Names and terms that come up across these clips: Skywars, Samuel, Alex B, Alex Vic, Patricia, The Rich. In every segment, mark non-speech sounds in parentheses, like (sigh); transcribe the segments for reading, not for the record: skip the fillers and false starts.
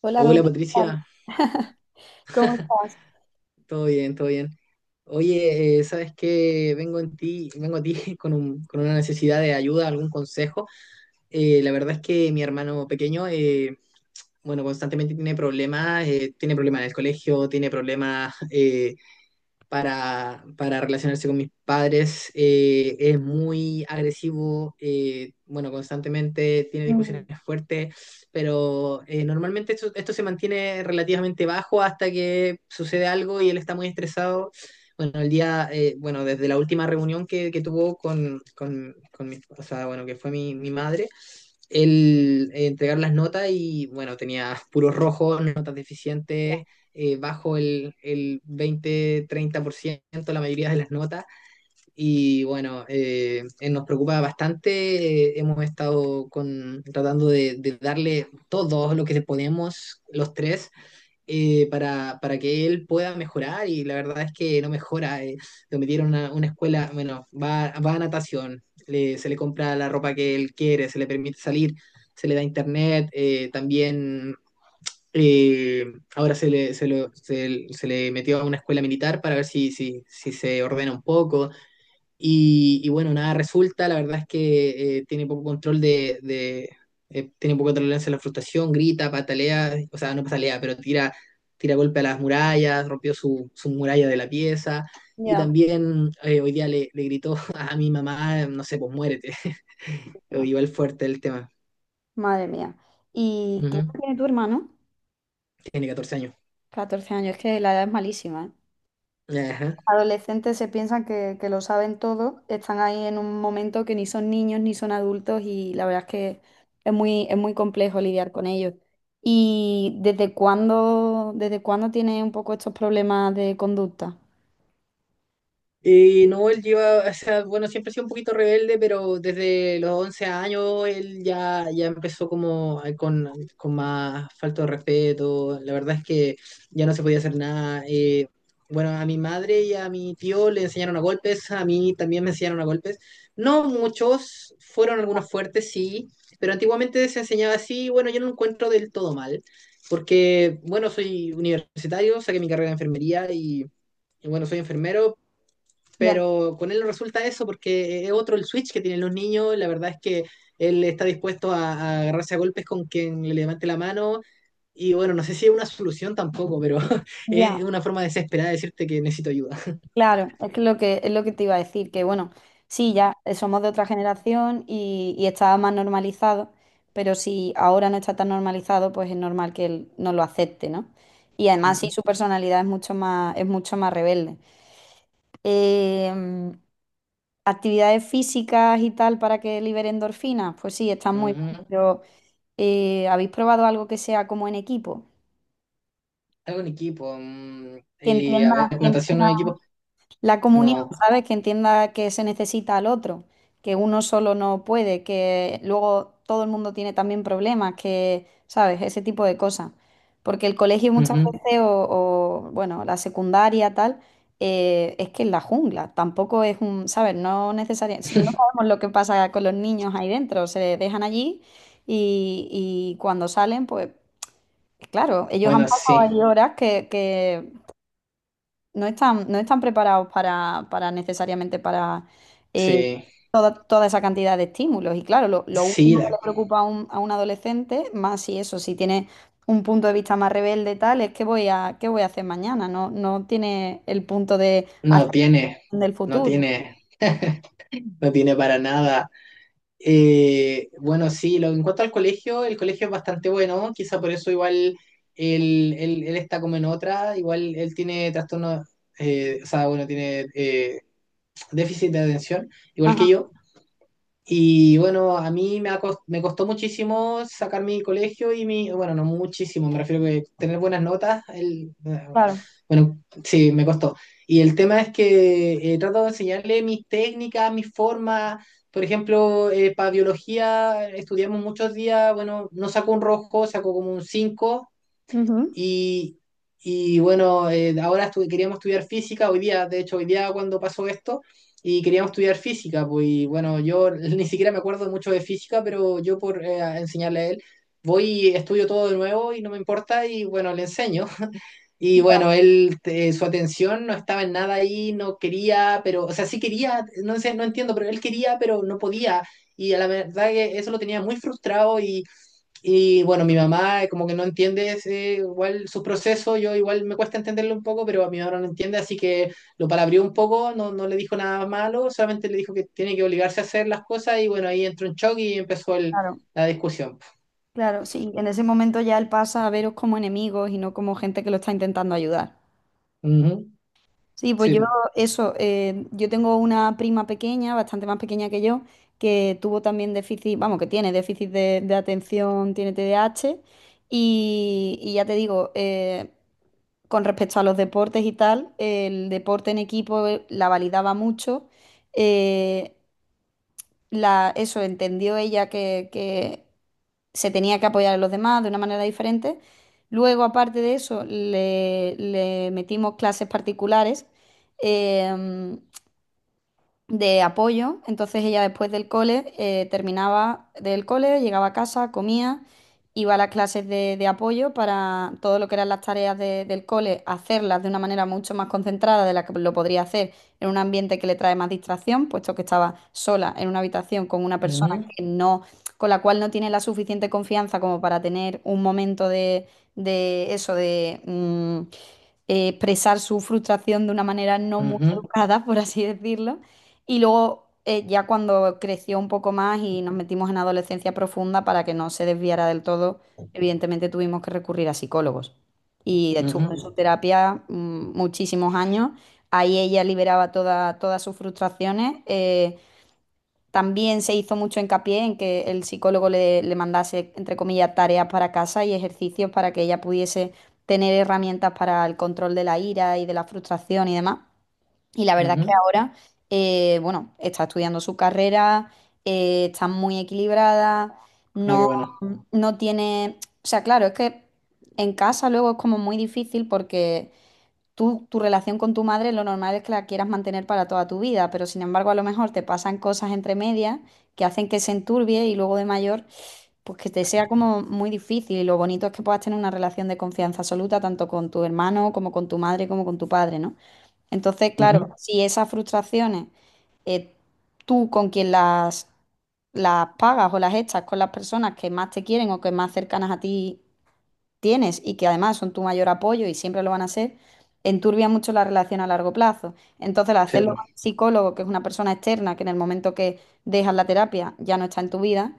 Hola, Hola Rodrigo. ¿Qué tal? Patricia, (laughs) ¿Cómo estás? todo bien, todo bien. Oye, ¿sabes qué? Vengo a ti (laughs) con con una necesidad de ayuda, algún consejo. La verdad es que mi hermano pequeño, bueno, constantemente tiene problemas en el colegio, tiene problemas para relacionarse con mis padres. Es muy agresivo, bueno, constantemente tiene Mm, discusiones fuertes, pero normalmente esto se mantiene relativamente bajo hasta que sucede algo y él está muy estresado. Bueno, el día, bueno, desde la última reunión que tuvo con mi, o sea, bueno, que fue mi madre, el entregar las notas y bueno, tenía puros rojos, notas deficientes, bajo el 20-30% la mayoría de las notas y bueno, nos preocupa bastante, hemos estado con, tratando de darle todo lo que podemos los tres para que él pueda mejorar y la verdad es que no mejora. Lo metieron a una escuela, bueno, va a natación, se le compra la ropa que él quiere, se le permite salir, se le da internet, también eh, ahora se le, se lo- se- se le metió a una escuela militar para ver si se ordena un poco. Y bueno, nada resulta, la verdad es que tiene poco control tiene poca tolerancia a la frustración, grita, patalea, o sea, no patalea, pero tira, tira golpe a las murallas, rompió su muralla de la pieza, y Ya. también hoy día le gritó (laughs) a mi mamá, no sé, pues muérete, (laughs) igual fuerte el tema. Madre mía. ¿Y qué edad Ujú. tiene tu hermano? Tiene 14 años. 14 años, es que la edad es malísima, ¿eh? Ajá. Adolescentes se piensan que lo saben todo, están ahí en un momento que ni son niños ni son adultos y la verdad es que es muy complejo lidiar con ellos. ¿Y desde cuándo tiene un poco estos problemas de conducta? Y no, él lleva, o sea, bueno, siempre ha sido un poquito rebelde, pero desde los 11 años él ya empezó como con más falta de respeto. La verdad es que ya no se podía hacer nada. Bueno, a mi madre y a mi tío le enseñaron a golpes, a mí también me enseñaron a golpes. No muchos, fueron algunos fuertes, sí, pero antiguamente se enseñaba así. Y bueno, yo no lo encuentro del todo mal, porque, bueno, soy universitario, saqué mi carrera de enfermería y... Y bueno, soy enfermero, Ya, pero con él no resulta eso porque es otro el switch que tienen los niños. La verdad es que él está dispuesto a agarrarse a golpes con quien le levante la mano. Y bueno, no sé si es una solución tampoco, pero (laughs) ya. es una forma desesperada de decirte que necesito ayuda. Claro, es que lo que es lo que te iba a decir, que bueno, sí, ya somos de otra generación y estaba más normalizado, pero si ahora no está tan normalizado, pues es normal que él no lo acepte, ¿no? Y además sí, Ujú, su personalidad es mucho más rebelde. Eh, mm, actividades físicas y tal para que libere endorfinas, pues sí, están muy bien, ujú. pero ¿habéis probado algo que sea como en equipo? Algo en equipo. Mm, Que y a entienda, ver, natación no en equipo. la comunión, No. ¿sabes? Que entienda que se necesita al otro, que uno solo no puede, que luego todo el mundo tiene también problemas, que, ¿sabes? Ese tipo de cosas. Porque el colegio muchas Ujú. veces, o, bueno, la secundaria, tal, es que es la jungla, tampoco es un, ¿sabes? No necesariamente, no (laughs) sabemos lo que pasa con los niños ahí dentro, se dejan allí y cuando salen, pues, claro, ellos han Bueno, pasado sí, ahí horas que no están preparados para necesariamente para eh, sí. Toda esa cantidad de estímulos. Y claro, lo Sí, último que le la preocupa a a un adolescente, más si eso, si tiene un punto de vista más rebelde, tal, es qué qué voy a hacer mañana. No, no tiene el punto de hacer No tiene, del no futuro. tiene, no tiene para nada. Bueno, sí, lo, en cuanto al colegio, el colegio es bastante bueno, quizá por eso igual él, él está como en otra, igual él tiene trastorno, o sea, bueno, tiene déficit de atención, igual que Ajá, yo, y bueno, a me costó muchísimo sacar mi colegio y mi, bueno, no muchísimo, me refiero que tener buenas notas, el, claro. bueno, sí, me costó. Y el tema es que trato de enseñarle mis técnicas, mis formas. Por ejemplo, para biología estudiamos muchos días, bueno, no saco un rojo, saco como un 5 Ujú. y, y bueno, ahora queríamos estudiar física hoy día, de hecho hoy día cuando pasó esto, y queríamos estudiar física, pues y bueno, yo (laughs) ni siquiera me acuerdo mucho de física, pero yo por enseñarle a él, voy y estudio todo de nuevo y no me importa y bueno, le enseño. Y Ya, bueno, él, su atención no estaba en nada ahí, no quería, pero, o sea, sí quería, no sé, no entiendo, pero él quería, pero no podía. Y a la verdad que eso lo tenía muy frustrado y bueno, mi mamá como que no entiende ese, igual su proceso, yo igual me cuesta entenderlo un poco, pero a mi mamá no lo entiende, así que lo palabrió un poco, no, no le dijo nada malo, solamente le dijo que tiene que obligarse a hacer las cosas y bueno, ahí entró en shock y empezó claro, la discusión. claro, sí. En ese momento ya él pasa a veros como enemigos y no como gente que lo está intentando ayudar. Ujú, Sí, pues yo sí. eso, yo tengo una prima pequeña, bastante más pequeña que yo, que tuvo también déficit, vamos, que tiene déficit de atención, tiene TDAH, y ya te digo, con respecto a los deportes y tal, el deporte en equipo la validaba mucho, eh, eso, entendió ella que se tenía que apoyar a los demás de una manera diferente. Luego, aparte de eso, le metimos clases particulares em, de apoyo. Entonces ella después del cole terminaba del cole, llegaba a casa, comía, iba a las clases de apoyo para todo lo que eran las tareas de- del cole, hacerlas de una manera mucho más concentrada de la que lo podría hacer en un ambiente que le trae más distracción, puesto que estaba sola en una habitación con una persona Ujú, que no, con la cual no tiene la suficiente confianza como para tener un momento de eso, de expresar su frustración de una manera no muy ujú, educada, por así decirlo. Y luego, ya cuando creció un poco más y nos metimos en adolescencia profunda, para que no se desviara del todo, evidentemente tuvimos que recurrir a psicólogos. Y estuvo en su ujú, terapia muchísimos años. Ahí ella liberaba toda- todas sus frustraciones. También se hizo mucho hincapié en que el psicólogo le mandase, entre comillas, tareas para casa y ejercicios para que ella pudiese tener herramientas para el control de la ira y de la frustración y demás. Y la verdad es que ujú. ahora, bueno, está estudiando su carrera, está muy equilibrada, Ah, qué no, bueno. no tiene... O sea, claro, es que en casa luego es como muy difícil porque tú, tu relación con tu madre, lo normal es que la quieras mantener para toda tu vida, pero sin embargo a lo mejor te pasan cosas entre medias que hacen que se enturbie y luego de mayor, pues que te sea como muy difícil. Y lo bonito es que puedas tener una relación de confianza absoluta tanto con tu hermano como con tu madre como con tu padre, ¿no? Entonces, claro, Ujú, si esas frustraciones, eh, tú con quien las pagas o las echas con las personas que más te quieren o que más cercanas a ti tienes y que además son tu mayor apoyo y siempre lo van a ser, enturbia mucho la relación a largo plazo. Entonces, al hacerlo con sí. un psicólogo, que es una persona externa, que en el momento que dejas la terapia ya no está en tu vida,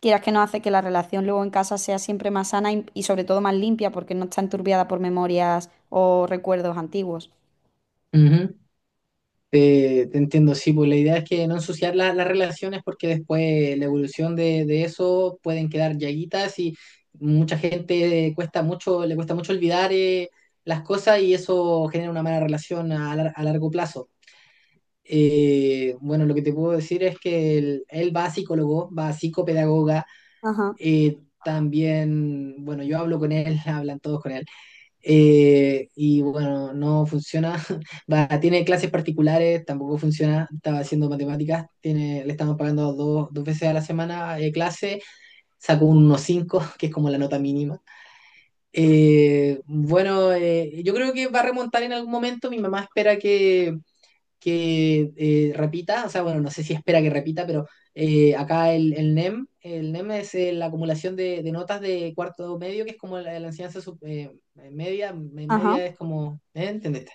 quieras que no hace que la relación luego en casa sea siempre más sana y sobre todo más limpia porque no está enturbiada por memorias o recuerdos antiguos. Ujú. Te entiendo, sí, pues la idea es que no ensuciar las relaciones porque después la evolución de eso pueden quedar llaguitas y mucha gente cuesta mucho, le cuesta mucho olvidar las cosas y eso genera una mala relación a, a largo plazo. Bueno, lo que te puedo decir es que él va a psicólogo, va a psicopedagoga, Ajá, también, bueno, yo hablo con él, (laughs) hablan todos con él. Y bueno, no funciona. (laughs) Va, tiene clases particulares, tampoco funciona. Estaba haciendo matemáticas, tiene, le estamos pagando dos veces a la semana clase. Sacó un 1,5 (laughs) que es como la nota mínima. Bueno, yo creo que va a remontar en algún momento. Mi mamá espera que repita, o sea, bueno, no sé si espera que repita, pero acá NEM, el NEM es la acumulación notas de cuarto medio, que es como la enseñanza sub, ajá, media es como, ¿eh? ¿Entendiste?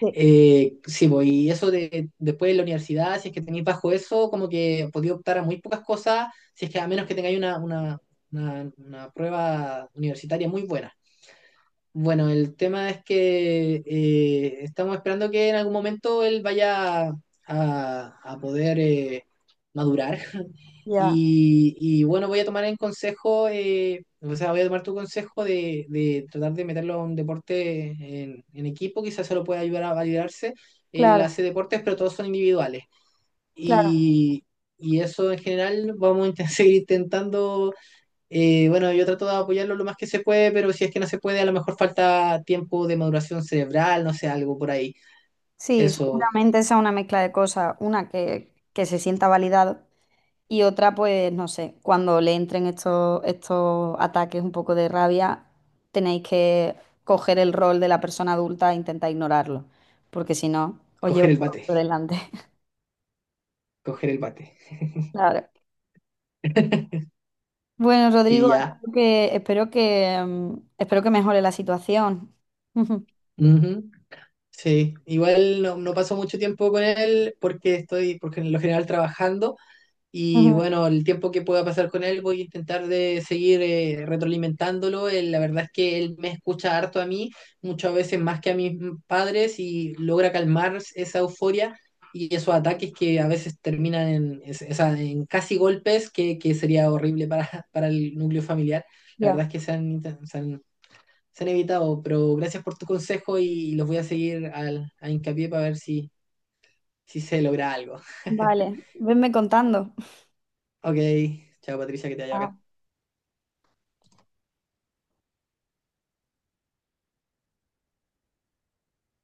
sí, Sí, pues, y eso de, después de la universidad, si es que tenéis bajo eso, como que podéis optar a muy pocas cosas, si es que a menos que tengáis una prueba universitaria muy buena. Bueno, el tema es que estamos esperando que en algún momento él vaya a poder madurar. (laughs) ya, Y bueno, voy a tomar en consejo, o sea, voy a tomar tu consejo de tratar de meterlo a un deporte en equipo, quizás se lo pueda ayudar a validarse. Él claro, hace deportes, pero todos son individuales. claro. Y, y eso en general vamos a (laughs) seguir intentando y bueno, yo trato de apoyarlo lo más que se puede, pero si es que no se puede, a lo mejor falta tiempo de maduración cerebral, no sé, algo por ahí. Sí, Eso, seguramente sea una mezcla de cosas, una que se sienta validado. Y otra, pues no sé, cuando le entren estos ataques un poco de rabia, tenéis que coger el rol de la persona adulta e intentar ignorarlo, porque si no, os llevo coger el por bate, delante. (laughs) coger el bate. Claro. (laughs) Bueno, Rodrigo, Y ya. espero que, espero que, espero que mejore la situación. (laughs) Ujú. Sí, igual no paso mucho tiempo con él porque estoy, porque en lo general trabajando. Y Ujú. bueno, el tiempo que pueda pasar con él voy a intentar de seguir retroalimentándolo. Él, la verdad es que él me escucha harto a mí, muchas veces más que a mis padres, y logra calmar esa euforia y esos ataques que a veces terminan en, en casi golpes, que sería horrible para, (laughs) para el núcleo familiar. La Ya. verdad es que se han, inten- se han evitado, pero gracias por tu consejo y los voy a seguir a hincapié para ver si, si se logra algo. Vale, venme contando. Ok, chao Patricia, que te haya Chao. bacán.